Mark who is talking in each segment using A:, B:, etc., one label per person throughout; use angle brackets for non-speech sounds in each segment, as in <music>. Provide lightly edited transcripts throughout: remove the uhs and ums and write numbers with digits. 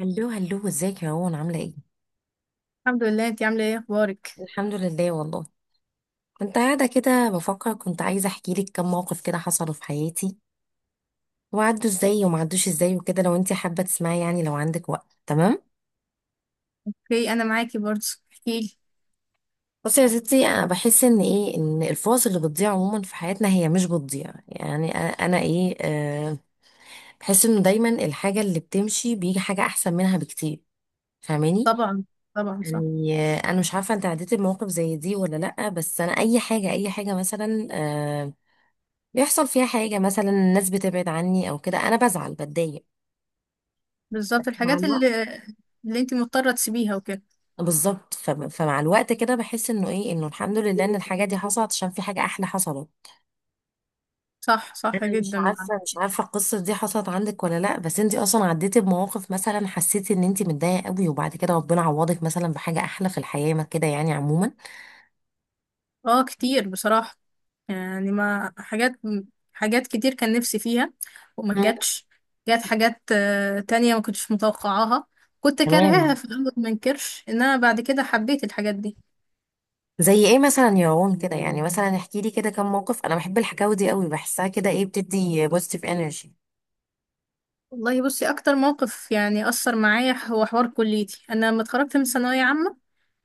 A: هلو هلو، ازيك يا روان؟ عاملة ايه؟
B: الحمد لله، انت عامله ايه؟ اخبارك؟
A: الحمد لله والله. كنت قاعدة كده بفكر، كنت عايزة احكي لك كم موقف كده حصلوا في حياتي، وعدوا ازاي وما عدوش ازاي وكده. لو انت حابة تسمعي، لو عندك وقت، تمام؟
B: في، انا معاكي برضه. احكيلي.
A: بصي يا ستي، انا بحس ان ايه، ان الفرص اللي بتضيع عموما في حياتنا هي مش بتضيع. يعني انا أنا ايه أه بحس انه دايما الحاجة اللي بتمشي بيجي حاجة احسن منها بكتير. فاهماني؟
B: طبعا، طبعا، صح.
A: انا مش عارفه انت عديتي بمواقف زي دي ولا لا، بس انا اي حاجه، اي حاجه مثلا، بيحصل فيها حاجة، مثلا الناس بتبعد عني أو كده، أنا بزعل، بتضايق
B: بالظبط،
A: مع
B: الحاجات
A: الوقت.
B: اللي انت مضطره تسيبيها وكده.
A: بالظبط. ف- فمع الوقت كده بحس إنه إنه الحمد لله إن الحاجة دي حصلت عشان في حاجة أحلى حصلت.
B: صح، صح
A: أنا مش
B: جدا معاك.
A: عارفة مش عارفة القصة دي حصلت عندك ولا لأ، بس أنتي أصلا عديتي بمواقف مثلا حسيتي إن أنتي متضايقة قوي وبعد كده ربنا عوضك مثلا بحاجة أحلى في الحياة، ما كده يعني عموما؟
B: اه، كتير بصراحه. يعني، ما حاجات، حاجات كتير كان نفسي فيها وما
A: مم.
B: جاتش. جات حاجات تانية ما كنتش متوقعاها. كنت
A: تمام.
B: كارهاها في الاول، ما انكرش ان انا بعد كده حبيت الحاجات دي.
A: زي ايه مثلا يا روان كده؟ يعني مثلا احكي لي كده كم موقف، انا بحب الحكاوي دي قوي، بحسها كده ايه، بتدي بوزيتيف انرجي.
B: والله، بصي، اكتر موقف يعني اثر معايا هو حوار كليتي. انا لما اتخرجت من ثانويه عامه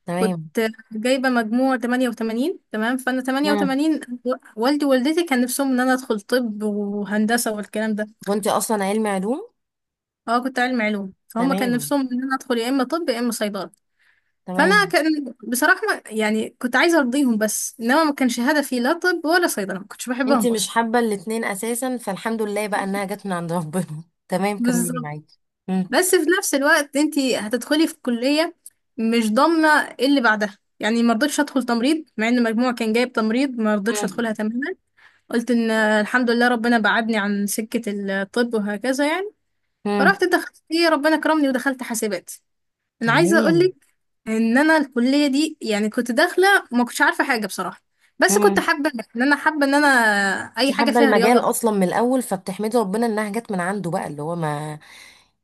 A: تمام.
B: كنت جايبة مجموع 88، تمام. فأنا 88، والدي ووالدتي كان نفسهم إن أنا أدخل طب وهندسة والكلام ده.
A: وانت اصلا علمي علوم.
B: أه، كنت علم علوم، فهم كان
A: تمام.
B: نفسهم إن أنا أدخل يا إما طب يا إما صيدلة. فأنا
A: تمام.
B: كان بصراحة يعني كنت عايزة أرضيهم، بس إنما ما كانش هدفي لا طب ولا صيدلة، ما كنتش
A: انت
B: بحبهم
A: مش
B: أصلا.
A: حابه الاتنين اساسا، فالحمد لله بقى انها جت من عند ربنا. <laughs> تمام، كملي
B: بالظبط.
A: معاكي. مم.
B: بس في نفس الوقت أنتي هتدخلي في كلية مش ضامنة إيه اللي بعدها. يعني ما رضيتش أدخل تمريض، مع إن مجموع كان جايب تمريض ما رضيتش أدخلها
A: مم.
B: تماما. قلت ان الحمد لله ربنا بعدني عن سكة الطب وهكذا يعني.
A: مم.
B: فرحت دخلت، ربنا كرمني ودخلت حاسبات. انا عايزة
A: تمام.
B: اقولك ان انا الكلية دي يعني كنت داخلة، ما كنتش عارفة حاجة بصراحة، بس كنت
A: مم.
B: حابة ان انا،
A: انت
B: اي حاجة
A: حابه
B: فيها
A: المجال
B: رياضة.
A: اصلا من الاول، فبتحمدي ربنا انها جت من عنده بقى، اللي هو ما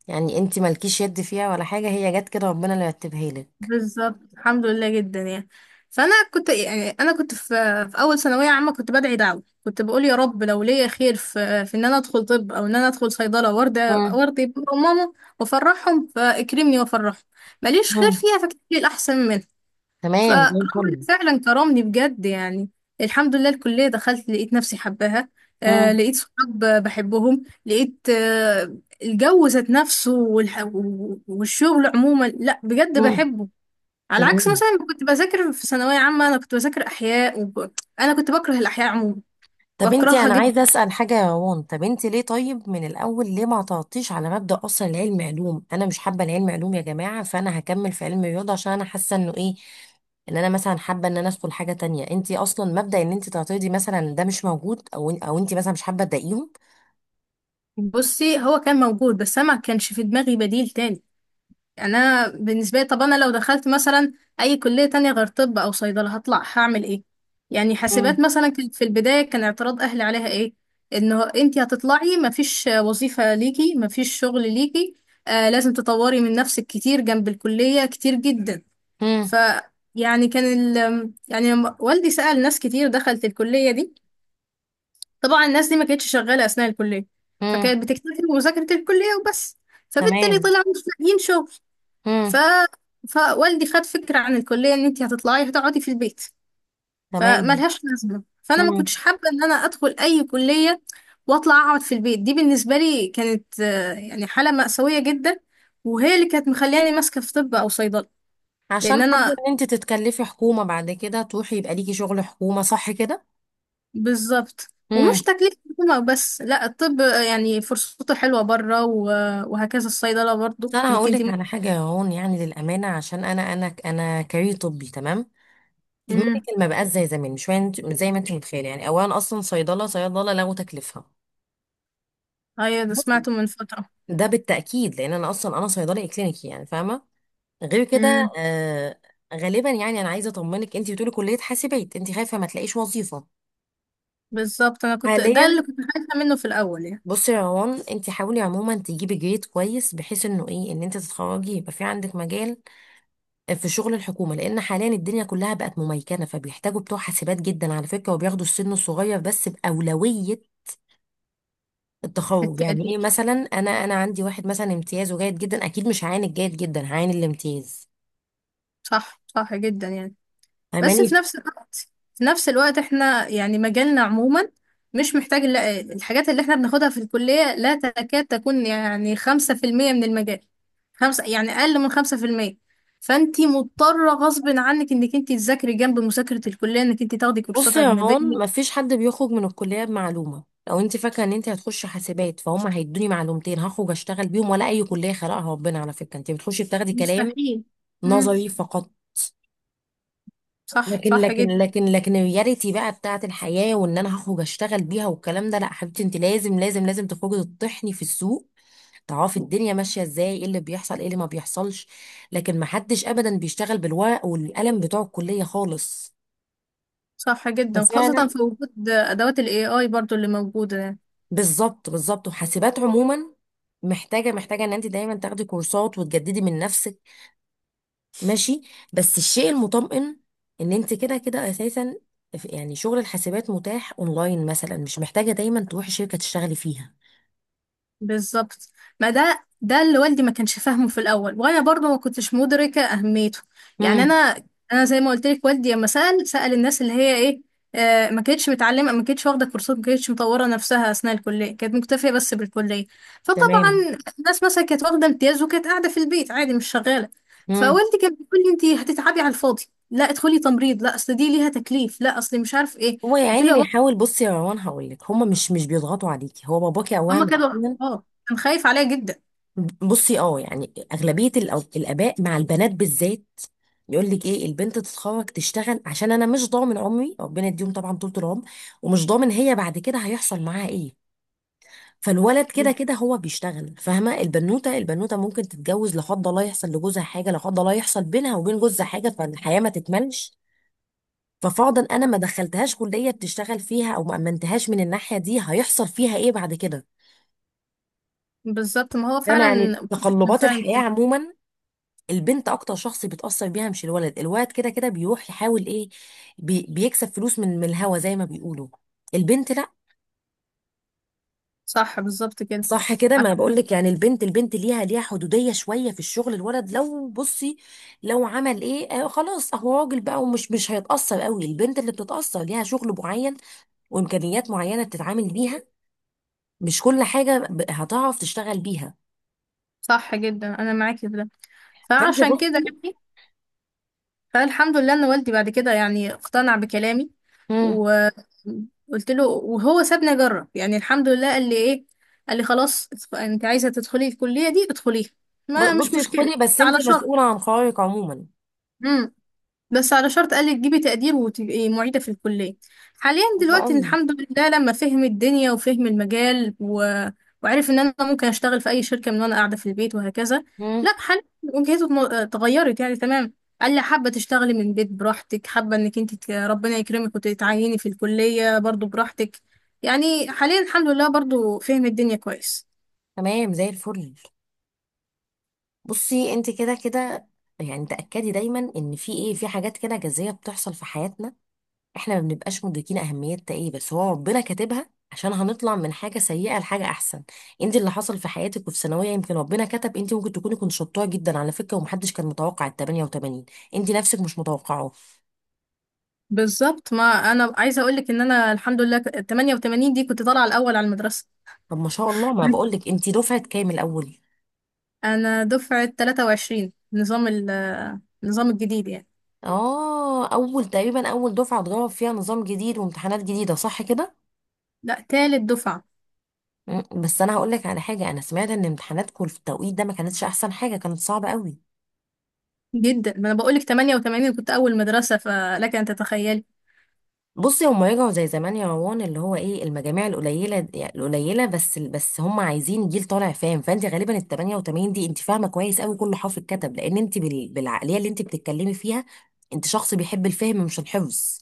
A: يعني انت مالكيش يد فيها ولا حاجه، هي جت كده، ربنا اللي رتبها لك.
B: بالظبط، الحمد لله جدا يعني. فانا كنت يعني انا كنت في اول ثانويه عامه كنت بدعي دعوه. كنت بقول يا رب، لو ليا خير في ان انا ادخل طب او ان انا ادخل صيدله، وارضى،
A: مم.
B: وارضي بابا وماما وافرحهم، فاكرمني وافرحهم. ماليش خير
A: مم.
B: فيها، فاكتب لي الاحسن منها.
A: تمام،
B: فربنا
A: زي الفل.
B: فعلا كرمني بجد يعني، الحمد لله. الكليه دخلت، لقيت نفسي حباها.
A: مم.
B: لقيت صحاب بحبهم، لقيت الجو ذات نفسه والشغل عموما، لا بجد
A: مم.
B: بحبه. على عكس
A: تمام.
B: مثلا ما كنت بذاكر في ثانوية عامة، أنا كنت بذاكر أحياء أنا كنت بكره الأحياء عموما،
A: طب انتي،
B: بكرهها
A: انا
B: جدا.
A: عايزه اسال حاجه يا روان، طب انتي ليه؟ طيب من الاول ليه ما تعطيش على مبدا اصلا، العلم علوم انا مش حابه العلم علوم يا جماعه، فانا هكمل في علم الرياضه عشان انا حاسه انه ايه، ان انا مثلا حابه ان انا ادخل حاجه تانية. انتي اصلا مبدا ان انتي تعترضي مثلا ده مش موجود، او انتي مثلا مش حابه تضايقيهم؟
B: بصي، هو كان موجود، بس أنا ما كانش في دماغي بديل تاني. يعني أنا بالنسبة لي طب، أنا لو دخلت مثلا أي كلية تانية غير طب أو صيدلة هطلع هعمل إيه؟ يعني حاسبات
A: امم.
B: مثلا كانت في البداية، كان اعتراض أهلي عليها إيه؟ إنه أنتي هتطلعي مفيش وظيفة ليكي، مفيش شغل ليكي. آه، لازم تطوري من نفسك كتير جنب الكلية، كتير جدا. ف يعني كان ال... يعني لما والدي سأل ناس كتير دخلت الكلية دي. طبعا الناس دي ما كانتش شغالة أثناء الكلية،
A: امم.
B: فكانت بتكتفي بمذاكرة الكلية وبس، فبالتالي
A: تمام.
B: طلعوا مش لاقيين شغل. ف...
A: امم.
B: فوالدي خد فكرة عن الكلية إن أنت هتطلعي هتقعدي في البيت،
A: تمام.
B: فملهاش لازمة. فأنا ما
A: امم.
B: كنتش حابة إن أنا أدخل أي كلية وأطلع أقعد في البيت. دي بالنسبة لي كانت يعني حالة مأساوية جدا، وهي اللي كانت مخلياني ماسكة في طب أو صيدلة
A: عشان
B: لأن
A: حابه
B: أنا
A: ان انتي تتكلفي حكومه بعد كده، تروحي يبقى ليكي شغل حكومه، صح
B: بالظبط، ومش
A: كده؟
B: تكليف حكومة بس، لا الطب يعني فرصته حلوة بره وهكذا، الصيدلة
A: بس
B: برضو
A: انا
B: انك
A: هقول
B: انت
A: لك
B: ممكن.
A: على حاجه يا هون، يعني للامانه، عشان انا انا كارير طبي، تمام.
B: امم
A: الميديكال ما بقاش زي زمان، مش زي ما انت متخيله. يعني اولا، اصلا صيدله لغوا تكليفها.
B: ايوه، ده
A: بصي،
B: سمعته من فترة.
A: ده بالتاكيد لان انا اصلا انا صيدلي كلينيكي، يعني فاهمه. غير
B: امم
A: كده غالبا، يعني انا عايزه اطمنك، انت بتقولي كليه حاسبات انت خايفه ما تلاقيش وظيفه
B: بالظبط، انا كنت ده
A: حاليا.
B: اللي كنت خايفة منه في الاول يعني.
A: بصي يا روان، انت حاولي عموما تجيبي جريد كويس، بحيث انه ايه، ان انت تتخرجي يبقى في عندك مجال في شغل الحكومة، لأن حاليا الدنيا كلها بقت مميكنة، فبيحتاجوا بتوع حاسبات جدا على فكرة، وبياخدوا السن الصغير بس بأولوية التخرج. يعني إيه؟
B: التقدير،
A: مثلا أنا عندي واحد مثلا امتيازه جيد جدا، أكيد مش هعاين الجيد جدا، هعاين الامتياز.
B: صح، صح جدا يعني. بس في
A: فاهماني؟
B: نفس الوقت، احنا يعني مجالنا عموما مش محتاج الحاجات اللي احنا بناخدها في الكلية لا تكاد تكون يعني 5% من المجال، خمسة يعني أقل من 5%. فانتي مضطرة غصب عنك انك انتي تذاكري جنب مذاكرة الكلية، انك انتي تاخدي
A: بص
B: كورسات
A: يا
B: أجنبية.
A: رون، مفيش حد بيخرج من الكلية بمعلومة، لو انت فاكرة ان انت هتخش حاسبات فهم هيدوني معلومتين هخرج اشتغل بيهم ولا اي كلية خلقها ربنا، على فكرة انت بتخشي بتاخدي كلام
B: مستحيل. مم.
A: نظري فقط.
B: صح،
A: لكن
B: صح
A: لكن
B: جدا.
A: لكن لكن الرياليتي بقى بتاعت الحياة، وان انا هخرج اشتغل بيها والكلام ده، لا حبيبتي، انت لازم تخرجي تطحني في السوق، تعرفي الدنيا ماشية ازاي، ايه اللي بيحصل ايه اللي ما بيحصلش. لكن ما حدش ابدا بيشتغل بالورق والقلم بتوع الكلية خالص.
B: صح جدا، خاصة
A: وفعلا.
B: في وجود أدوات ال AI برضو اللي موجودة يعني.
A: بالظبط بالظبط. وحاسبات عموما محتاجة ان انت دايما تاخدي كورسات وتجددي من نفسك. ماشي. بس الشيء المطمئن ان انت كده كده اساسا يعني شغل الحاسبات متاح اونلاين مثلا، مش محتاجه دايما تروحي شركه تشتغلي فيها.
B: بالظبط، ما ده اللي والدي ما كانش فاهمه في الاول، وانا برضه ما كنتش مدركه اهميته. يعني
A: امم.
B: انا، زي ما قلت لك، والدي لما سال الناس اللي هي ايه. ما كانتش متعلمه، ما كانتش واخده كورسات، ما كانتش مطوره نفسها اثناء الكليه، كانت مكتفيه بس بالكليه.
A: تمام.
B: فطبعا الناس مثلا كانت واخده امتياز وكانت قاعده في البيت عادي، مش شغاله.
A: امم.
B: فوالدي كان بيقول لي انت هتتعبي على الفاضي، لا ادخلي تمريض، لا اصل دي ليها تكليف، لا اصل مش عارف ايه.
A: هو يا
B: قلت
A: عيني
B: له يا بابا،
A: بيحاول. بصي يا روان، هقول لك، هما مش بيضغطوا عليكي، هو باباكي اولا
B: هما كانوا
A: وأخيراً.
B: اه، كان خايف عليا جدا.
A: بصي اه، يعني اغلبيه الاباء مع البنات بالذات يقول لك ايه، البنت تتخرج تشتغل عشان انا مش ضامن عمري، ربنا يديهم طبعا طول العمر، ومش ضامن هي بعد كده هيحصل معاها ايه. فالولد كده كده هو بيشتغل، فاهمه؟ البنوته، البنوته ممكن تتجوز لا قدر الله يحصل لجوزها حاجه، لا قدر الله يحصل بينها وبين جوزها حاجه، فالحياه ما تكملش. ففرضا انا ما دخلتهاش كليه بتشتغل فيها او ما امنتهاش من الناحيه دي، هيحصل فيها ايه بعد كده؟
B: بالظبط، ما هو
A: فاهمه؟ يعني
B: فعلا.
A: تقلبات
B: فعلا
A: الحياه
B: كده.
A: عموما البنت اكتر شخص بيتاثر بيها، مش الولد. الولد كده كده بيروح يحاول ايه، بيكسب فلوس من الهوا زي ما بيقولوا. البنت لا.
B: صح، بالظبط كده.
A: صح كده، ما
B: عشان
A: بقولك، يعني البنت، البنت ليها، ليها حدودية شوية في الشغل. الولد لو بصي لو عمل ايه آه، خلاص هو راجل بقى، ومش مش هيتأثر قوي. البنت اللي بتتأثر، ليها شغل معين وإمكانيات معينة بتتعامل بيها، مش كل حاجة هتعرف تشتغل بيها.
B: صح جدا، انا معاكي في ده.
A: فانت
B: فعشان كده
A: بصي.
B: يعني، فالحمد لله ان والدي بعد كده يعني اقتنع بكلامي،
A: مم.
B: وقلت له. وهو سابني اجرب يعني، الحمد لله. قال لي خلاص، انت عايزه تدخلي الكليه دي ادخليها، ما مش
A: بصي
B: مشكله.
A: ادخلي بس انت
B: على شرط،
A: مسؤولة عن قرارك عموما.
B: قال لي تجيبي تقدير وتبقي معيدة في الكلية. حاليا
A: حلو
B: دلوقتي
A: قوي.
B: الحمد لله لما فهم الدنيا وفهم المجال وعرف ان انا ممكن اشتغل في اي شركة من وانا قاعدة في البيت وهكذا.
A: مم.
B: لا، حاليا وجهته اتغيرت يعني، تمام. قال لي حابة تشتغلي من البيت براحتك، حابة انك انت ربنا يكرمك وتتعيني في الكلية برضو براحتك. يعني حاليا الحمد لله برضو فهم الدنيا كويس.
A: تمام، زي الفل. بصي انت كده كده، يعني تأكدي دايما ان في ايه، في حاجات كده جذرية بتحصل في حياتنا احنا ما بنبقاش مدركين اهميتها ايه، بس هو ربنا كاتبها عشان هنطلع من حاجه سيئه لحاجه احسن. انت اللي حصل في حياتك وفي ثانويه، يمكن ربنا كتب، انت ممكن تكوني كنت شطوره جدا على فكره، ومحدش كان متوقع ال 88، انت نفسك مش متوقعه.
B: بالظبط، ما انا عايزه اقول لك ان انا الحمد لله 88 دي كنت طالعه الاول على المدرسه.
A: طب ما شاء الله، ما بقولك انت دفعه كام الاول؟
B: انا دفعة 23، نظام ال النظام الجديد يعني.
A: اه، اول تقريبا اول دفعه اتجرب فيها نظام جديد وامتحانات جديده، صح كده؟
B: لا، تالت دفعة.
A: مم، بس انا هقولك على حاجه، انا سمعت ان امتحاناتكم في التوقيت ده ما كانتش احسن حاجه، كانت صعبه قوي.
B: جدا، ما انا بقولك 88 كنت اول مدرسة، فلك ان تتخيلي.
A: بصي، هما يرجعوا زي زمان يا روان، اللي هو ايه، المجاميع القليله، يعني القليله بس. بس هما عايزين جيل طالع فاهم، فانت غالبا ال 88 دي انت فاهمه كويس قوي كل حرف اتكتب، لان انت بالعقليه اللي انت بتتكلمي فيها انت شخص بيحب الفهم مش الحفظ.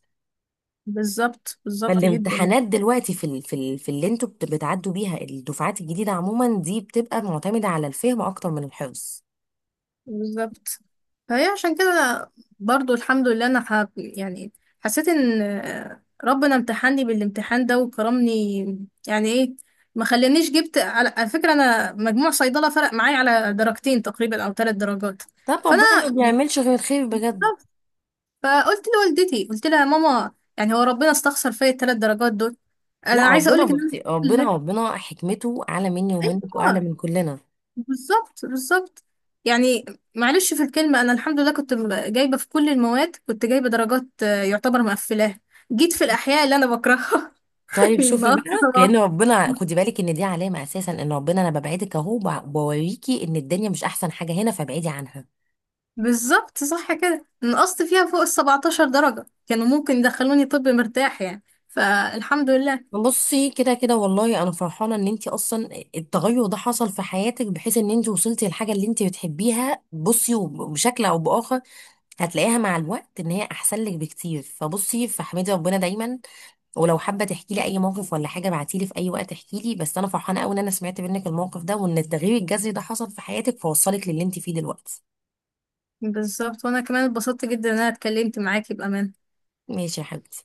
B: بالظبط، بالظبط جدا يعني.
A: فالامتحانات دلوقتي في اللي انتوا بتعدوا بيها الدفعات الجديده عموما دي بتبقى معتمده على الفهم اكتر من الحفظ.
B: بالظبط، فهي عشان كده برضو الحمد لله انا يعني حسيت ان ربنا امتحني بالامتحان ده وكرمني. يعني ايه، ما خلانيش جبت. على فكرة، انا مجموع صيدلة فرق معايا على درجتين تقريبا او 3 درجات.
A: طب
B: فانا
A: ربنا ما بيعملش غير الخير بجد.
B: فقلت لوالدتي، قلت لها يا ماما، يعني هو ربنا استخسر فيا ال 3 درجات دول. انا
A: لا،
B: عايزه اقول
A: ربنا
B: لك ان انا
A: بصي،
B: الحمد
A: ربنا
B: لله.
A: ربنا حكمته اعلى مني ومنك واعلى
B: ايوه،
A: من كلنا.
B: بالظبط، بالظبط يعني. معلش، في الكلمه، انا الحمد لله كنت جايبه في كل المواد، كنت جايبه درجات يعتبر مقفلاها. جيت في الاحياء اللي انا بكرهها <laughs>
A: طيب شوفي
B: نقصت
A: بقى، كأن
B: طبعا.
A: ربنا، خدي بالك ان دي علامة اساسا، ان ربنا انا ببعدك اهو، بوريكي ان الدنيا مش احسن حاجة هنا فابعدي عنها.
B: بالظبط صح كده، نقصت فيها فوق ال 17 درجة كانوا ممكن يدخلوني طب مرتاح يعني، فالحمد لله.
A: بصي كده كده والله انا فرحانة ان انت اصلا التغير ده حصل في حياتك، بحيث ان انت وصلتي للحاجة اللي انت بتحبيها. بصي، بشكل او باخر هتلاقيها مع الوقت ان هي احسن لك بكتير. فبصي، فاحمدي ربنا دايما. ولو حابة تحكي لي اي موقف ولا حاجة ابعتي لي في اي وقت، احكي لي. بس انا فرحانة قوي ان انا سمعت منك الموقف ده، وان التغيير الجذري ده حصل في حياتك فوصلك للي انت فيه دلوقتي.
B: بالظبط، وانا كمان اتبسطت جدا ان انا اتكلمت معاكي بأمان.
A: ماشي يا حبيبي.